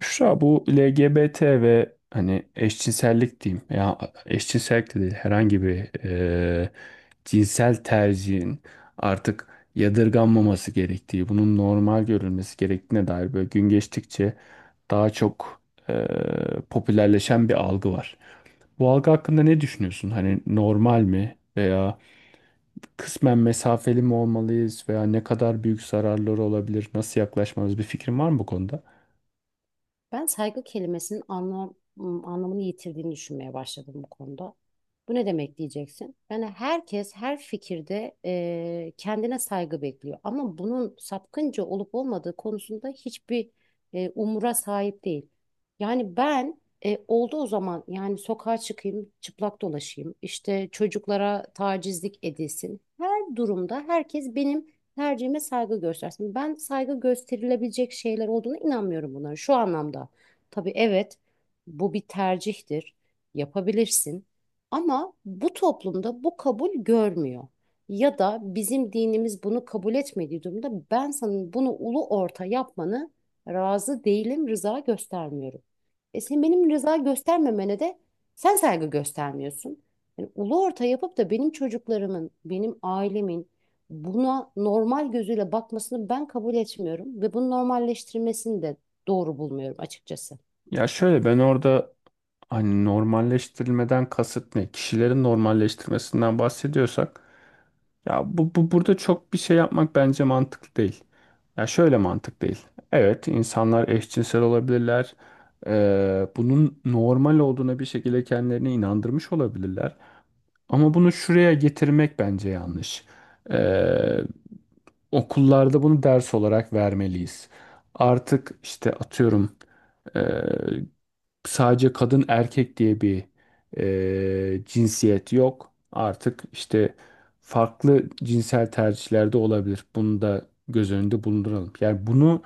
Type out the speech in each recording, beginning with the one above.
Büşra bu LGBT ve hani eşcinsellik diyeyim. Ya eşcinsellik de değil herhangi bir cinsel tercihin artık yadırganmaması gerektiği, bunun normal görülmesi gerektiğine dair böyle gün geçtikçe daha çok e, popülerleşen bir algı var. Bu algı hakkında ne düşünüyorsun? Hani normal mi veya kısmen mesafeli mi olmalıyız veya ne kadar büyük zararları olabilir? Nasıl yaklaşmalıyız? Bir fikrin var mı bu konuda? Ben saygı kelimesinin anlamını yitirdiğini düşünmeye başladım bu konuda. Bu ne demek diyeceksin? Yani herkes her fikirde kendine saygı bekliyor. Ama bunun sapkınca olup olmadığı konusunda hiçbir umura sahip değil. Yani Ben oldu o zaman, yani sokağa çıkayım, çıplak dolaşayım, işte çocuklara tacizlik edilsin. Her durumda herkes benim tercihime saygı göstersin. Ben saygı gösterilebilecek şeyler olduğuna inanmıyorum bunların şu anlamda. Tabii evet, bu bir tercihtir. Yapabilirsin. Ama bu toplumda bu kabul görmüyor. Ya da bizim dinimiz bunu kabul etmediği durumda ben sana bunu ulu orta yapmanı razı değilim, rıza göstermiyorum. E sen benim rıza göstermemene de sen saygı göstermiyorsun. Yani ulu orta yapıp da benim çocuklarımın, benim ailemin, buna normal gözüyle bakmasını ben kabul etmiyorum ve bunu normalleştirmesini de doğru bulmuyorum açıkçası. Ya şöyle ben orada. Hani normalleştirilmeden kasıt ne? Kişilerin normalleştirmesinden bahsediyorsak ya bu burada çok bir şey yapmak bence mantıklı değil. Ya şöyle mantık değil. Evet insanlar eşcinsel olabilirler. Bunun normal olduğuna bir şekilde kendilerini inandırmış olabilirler. Ama bunu şuraya getirmek bence yanlış. Ee, Okullarda bunu ders olarak vermeliyiz. Artık işte atıyorum ee, sadece kadın erkek diye bir cinsiyet yok. Artık işte farklı cinsel tercihlerde olabilir. Bunu da göz önünde bulunduralım. Yani bunu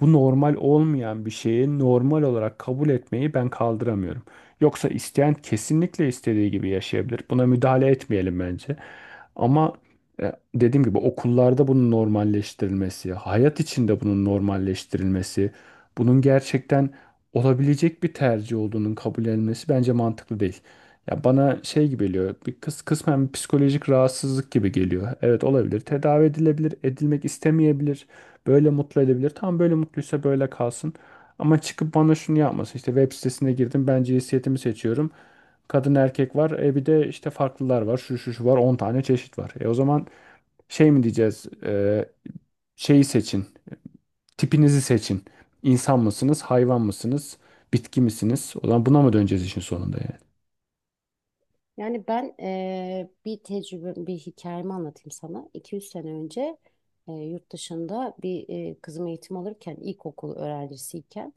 bu normal olmayan bir şeyi normal olarak kabul etmeyi ben kaldıramıyorum. Yoksa isteyen kesinlikle istediği gibi yaşayabilir. Buna müdahale etmeyelim bence. Ama dediğim gibi okullarda bunun normalleştirilmesi, hayat içinde bunun normalleştirilmesi, bunun gerçekten olabilecek bir tercih olduğunun kabul edilmesi bence mantıklı değil. Ya bana şey gibi geliyor, bir kısmen bir psikolojik rahatsızlık gibi geliyor. Evet olabilir, tedavi edilebilir, edilmek istemeyebilir. Böyle mutlu edebilir. Tamam böyle mutluysa böyle kalsın. Ama çıkıp bana şunu yapmasın. İşte web sitesine girdim. Ben cinsiyetimi seçiyorum. Kadın erkek var. E bir de işte farklılar var. Şu şu şu var. 10 tane çeşit var. E o zaman şey mi diyeceğiz? Şeyi seçin. Tipinizi seçin. İnsan mısınız? Hayvan mısınız? Bitki misiniz? O zaman buna mı döneceğiz işin sonunda yani? Yani ben bir tecrübe, bir hikayemi anlatayım sana. 200 sene önce yurt dışında bir kızım eğitim alırken, ilkokul öğrencisiyken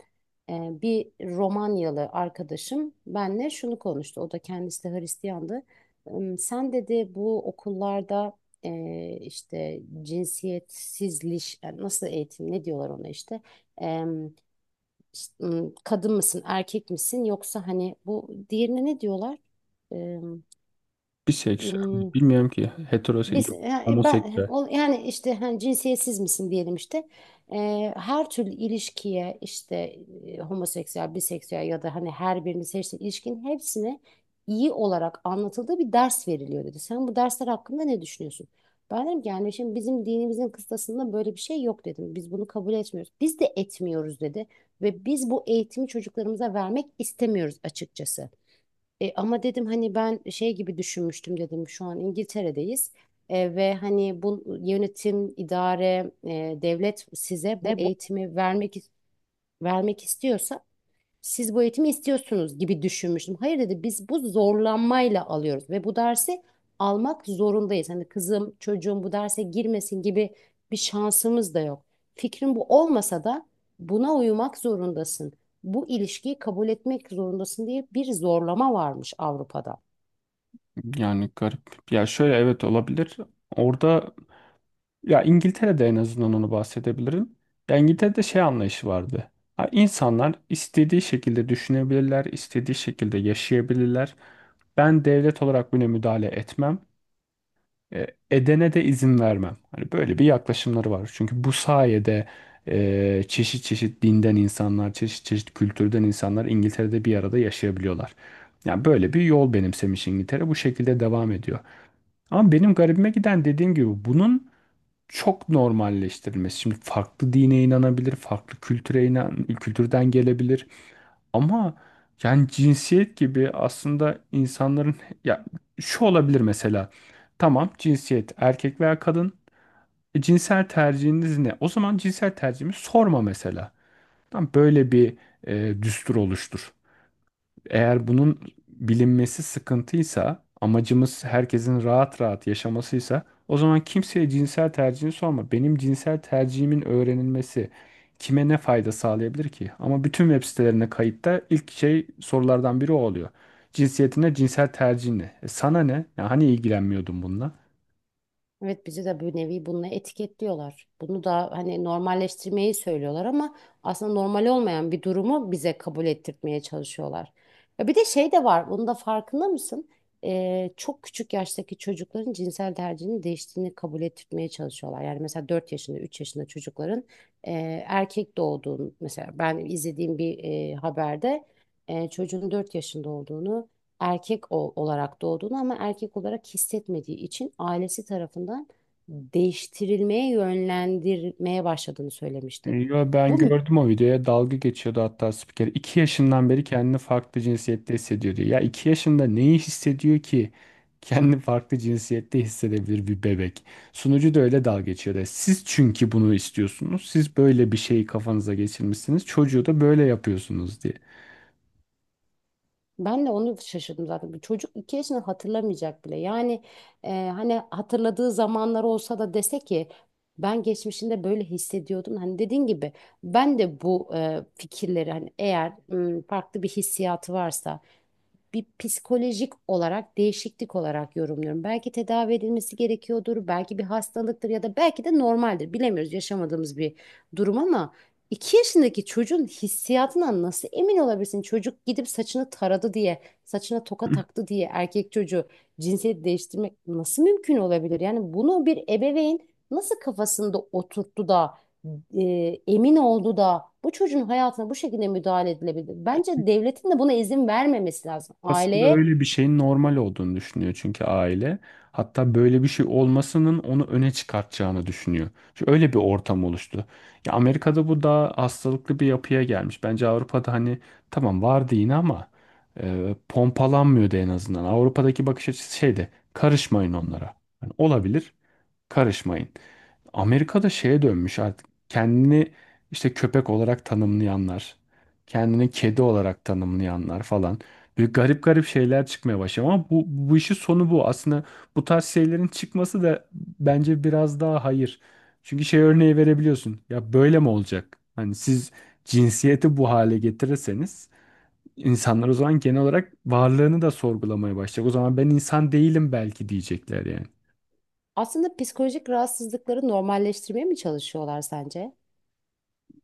bir Romanyalı arkadaşım benle şunu konuştu. O da kendisi de Hristiyandı. Sen dedi bu okullarda işte cinsiyetsizliş, yani nasıl eğitim, ne diyorlar ona işte? Em, işte, kadın mısın, erkek misin, yoksa hani bu diğerine ne diyorlar? Biseksüel. Im, Bilmiyorum ki. Biz Heteroseksüel. yani Homoseksüel. Yani işte hani cinsiyetsiz misin diyelim işte. Her türlü ilişkiye işte homoseksüel, biseksüel ya da hani her birini seçtiğin ilişkinin hepsine iyi olarak anlatıldığı bir ders veriliyor dedi. Sen bu dersler hakkında ne düşünüyorsun? Ben dedim ki yani şimdi bizim dinimizin kıstasında böyle bir şey yok dedim. Biz bunu kabul etmiyoruz. Biz de etmiyoruz dedi. Ve biz bu eğitimi çocuklarımıza vermek istemiyoruz açıkçası. E, ama dedim hani ben şey gibi düşünmüştüm, dedim şu an İngiltere'deyiz. E, ve hani bu yönetim, idare, devlet size bu Ne bu? eğitimi vermek istiyorsa siz bu eğitimi istiyorsunuz gibi düşünmüştüm. Hayır dedi, biz bu zorlanmayla alıyoruz ve bu dersi almak zorundayız. Hani kızım çocuğum bu derse girmesin gibi bir şansımız da yok. Fikrin bu olmasa da buna uyumak zorundasın. Bu ilişkiyi kabul etmek zorundasın diye bir zorlama varmış Avrupa'da. Yani garip. Ya şöyle evet olabilir. Orada. Ya İngiltere'de en azından onu bahsedebilirim. Ya İngiltere'de şey anlayışı vardı. Ha, İnsanlar istediği şekilde düşünebilirler, istediği şekilde yaşayabilirler. Ben devlet olarak buna müdahale etmem. Edene de izin vermem. Hani böyle bir yaklaşımları var. Çünkü bu sayede çeşit çeşit dinden insanlar, çeşit çeşit kültürden insanlar İngiltere'de bir arada yaşayabiliyorlar. Yani böyle bir yol benimsemiş İngiltere. Bu şekilde devam ediyor. Ama benim garibime giden dediğim gibi bunun çok normalleştirilmesi. Şimdi farklı dine inanabilir, farklı kültüre inan, kültürden gelebilir. Ama yani cinsiyet gibi aslında insanların ya şu olabilir mesela. Tamam cinsiyet erkek veya kadın. E, cinsel tercihiniz ne? O zaman cinsel tercihimi sorma mesela. Tamam böyle bir düstur oluştur. Eğer bunun bilinmesi sıkıntıysa, amacımız herkesin rahat rahat yaşamasıysa, o zaman kimseye cinsel tercihini sorma. Benim cinsel tercihimin öğrenilmesi kime ne fayda sağlayabilir ki? Ama bütün web sitelerine kayıtta ilk şey sorulardan biri o oluyor. Cinsiyetine, cinsel tercihine. E sana ne? Ya hani ilgilenmiyordun bununla? Evet bizi de bir nevi bununla etiketliyorlar. Bunu da hani normalleştirmeyi söylüyorlar ama aslında normal olmayan bir durumu bize kabul ettirtmeye çalışıyorlar. Ya bir de şey de var, bunun da farkında mısın? Çok küçük yaştaki çocukların cinsel tercihinin değiştiğini kabul ettirtmeye çalışıyorlar. Yani mesela 4 yaşında, 3 yaşında çocukların e, erkek doğduğunu, mesela ben izlediğim bir haberde çocuğun 4 yaşında olduğunu, olarak doğduğunu ama erkek olarak hissetmediği için ailesi tarafından değiştirilmeye, yönlendirmeye başladığını söylemişti. Yo, ben Bu gördüm o videoya dalga geçiyordu hatta spiker. 2 yaşından beri kendini farklı cinsiyette hissediyor diyor. Ya 2 yaşında neyi hissediyor ki kendini farklı cinsiyette hissedebilir bir bebek? Sunucu da öyle dalga geçiyordu. Siz çünkü bunu istiyorsunuz. Siz böyle bir şeyi kafanıza geçirmişsiniz. Çocuğu da böyle yapıyorsunuz diye. Ben de onu şaşırdım zaten. Bir çocuk iki yaşını hatırlamayacak bile. Yani e, hani hatırladığı zamanlar olsa da dese ki ben geçmişinde böyle hissediyordum. Hani dediğin gibi ben de bu fikirleri, hani eğer farklı bir hissiyatı varsa bir psikolojik olarak değişiklik olarak yorumluyorum. Belki tedavi edilmesi gerekiyordur, belki bir hastalıktır ya da belki de normaldir. Bilemiyoruz yaşamadığımız bir durum, ama iki yaşındaki çocuğun hissiyatından nasıl emin olabilirsin? Çocuk gidip saçını taradı diye, saçına toka taktı diye erkek çocuğu cinsiyet değiştirmek nasıl mümkün olabilir? Yani bunu bir ebeveyn nasıl kafasında oturttu da e, emin oldu da bu çocuğun hayatına bu şekilde müdahale edilebilir. Bence devletin de buna izin vermemesi lazım. Aslında Aileye öyle bir şeyin normal olduğunu düşünüyor çünkü aile. Hatta böyle bir şey olmasının onu öne çıkartacağını düşünüyor. Çünkü öyle bir ortam oluştu. Ya Amerika'da bu daha hastalıklı bir yapıya gelmiş. Bence Avrupa'da hani tamam vardı yine ama pompalanmıyordu en azından. Avrupa'daki bakış açısı şeydi. Karışmayın onlara. Hani olabilir. Karışmayın. Amerika'da şeye dönmüş artık kendini işte köpek olarak tanımlayanlar, kendini kedi olarak tanımlayanlar falan. Böyle garip garip şeyler çıkmaya başlıyor ama bu işin sonu bu. Aslında bu tarz şeylerin çıkması da bence biraz daha hayır. Çünkü şey örneği verebiliyorsun. Ya böyle mi olacak? Hani siz cinsiyeti bu hale getirirseniz insanlar o zaman genel olarak varlığını da sorgulamaya başlayacak. O zaman ben insan değilim belki diyecekler yani. aslında psikolojik rahatsızlıkları normalleştirmeye mi çalışıyorlar sence?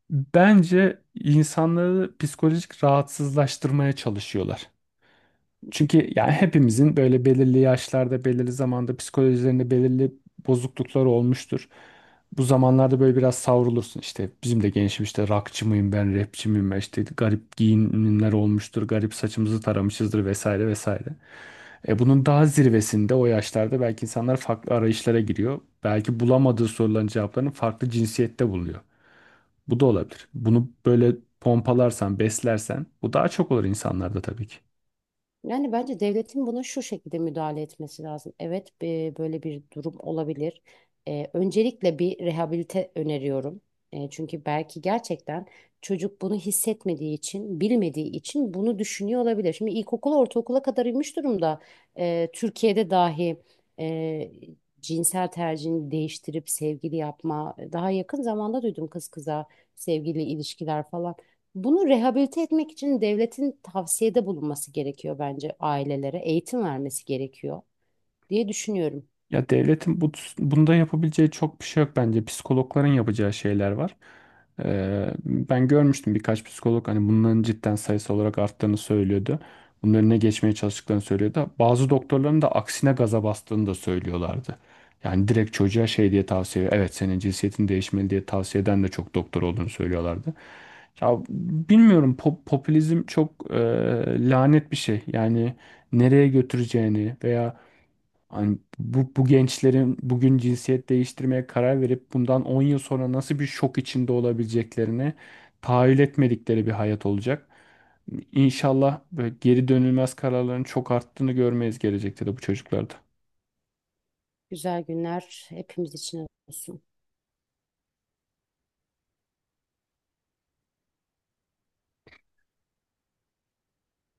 Bence insanları psikolojik rahatsızlaştırmaya çalışıyorlar. Çünkü yani hepimizin böyle belirli yaşlarda, belirli zamanda psikolojilerinde belirli bozukluklar olmuştur. Bu zamanlarda böyle biraz savrulursun. İşte bizim de gençim işte rockçı mıyım ben, rapçi miyim ben, işte garip giyinimler olmuştur, garip saçımızı taramışızdır vesaire vesaire. E bunun daha zirvesinde o yaşlarda belki insanlar farklı arayışlara giriyor. Belki bulamadığı soruların cevaplarını farklı cinsiyette buluyor. Bu da olabilir. Bunu böyle pompalarsan, beslersen bu daha çok olur insanlarda tabii ki. Yani bence devletin buna şu şekilde müdahale etmesi lazım. Evet, böyle bir durum olabilir. E, öncelikle bir rehabilite öneriyorum. E, çünkü belki gerçekten çocuk bunu hissetmediği için, bilmediği için bunu düşünüyor olabilir. Şimdi ilkokula, ortaokula kadar inmiş durumda. E, Türkiye'de dahi e, cinsel tercihini değiştirip sevgili yapma, daha yakın zamanda duydum, kız kıza sevgili ilişkiler falan. Bunu rehabilite etmek için devletin tavsiyede bulunması gerekiyor bence ailelere. Eğitim vermesi gerekiyor diye düşünüyorum. Ya devletin bu, bunda yapabileceği çok bir şey yok bence. Psikologların yapacağı şeyler var. Ben görmüştüm birkaç psikolog hani bunların cidden sayısı olarak arttığını söylüyordu. Bunun önüne geçmeye çalıştıklarını söylüyordu. Bazı doktorların da aksine gaza bastığını da söylüyorlardı. Yani direkt çocuğa şey diye tavsiye, evet senin cinsiyetin değişmeli diye tavsiye eden de çok doktor olduğunu söylüyorlardı. Ya bilmiyorum popülizm çok lanet bir şey. Yani nereye götüreceğini veya hani bu gençlerin bugün cinsiyet değiştirmeye karar verip bundan 10 yıl sonra nasıl bir şok içinde olabileceklerini tahayyül etmedikleri bir hayat olacak. İnşallah böyle geri dönülmez kararların çok arttığını görmeyiz gelecekte de bu çocuklarda. Güzel günler hepimiz için olsun.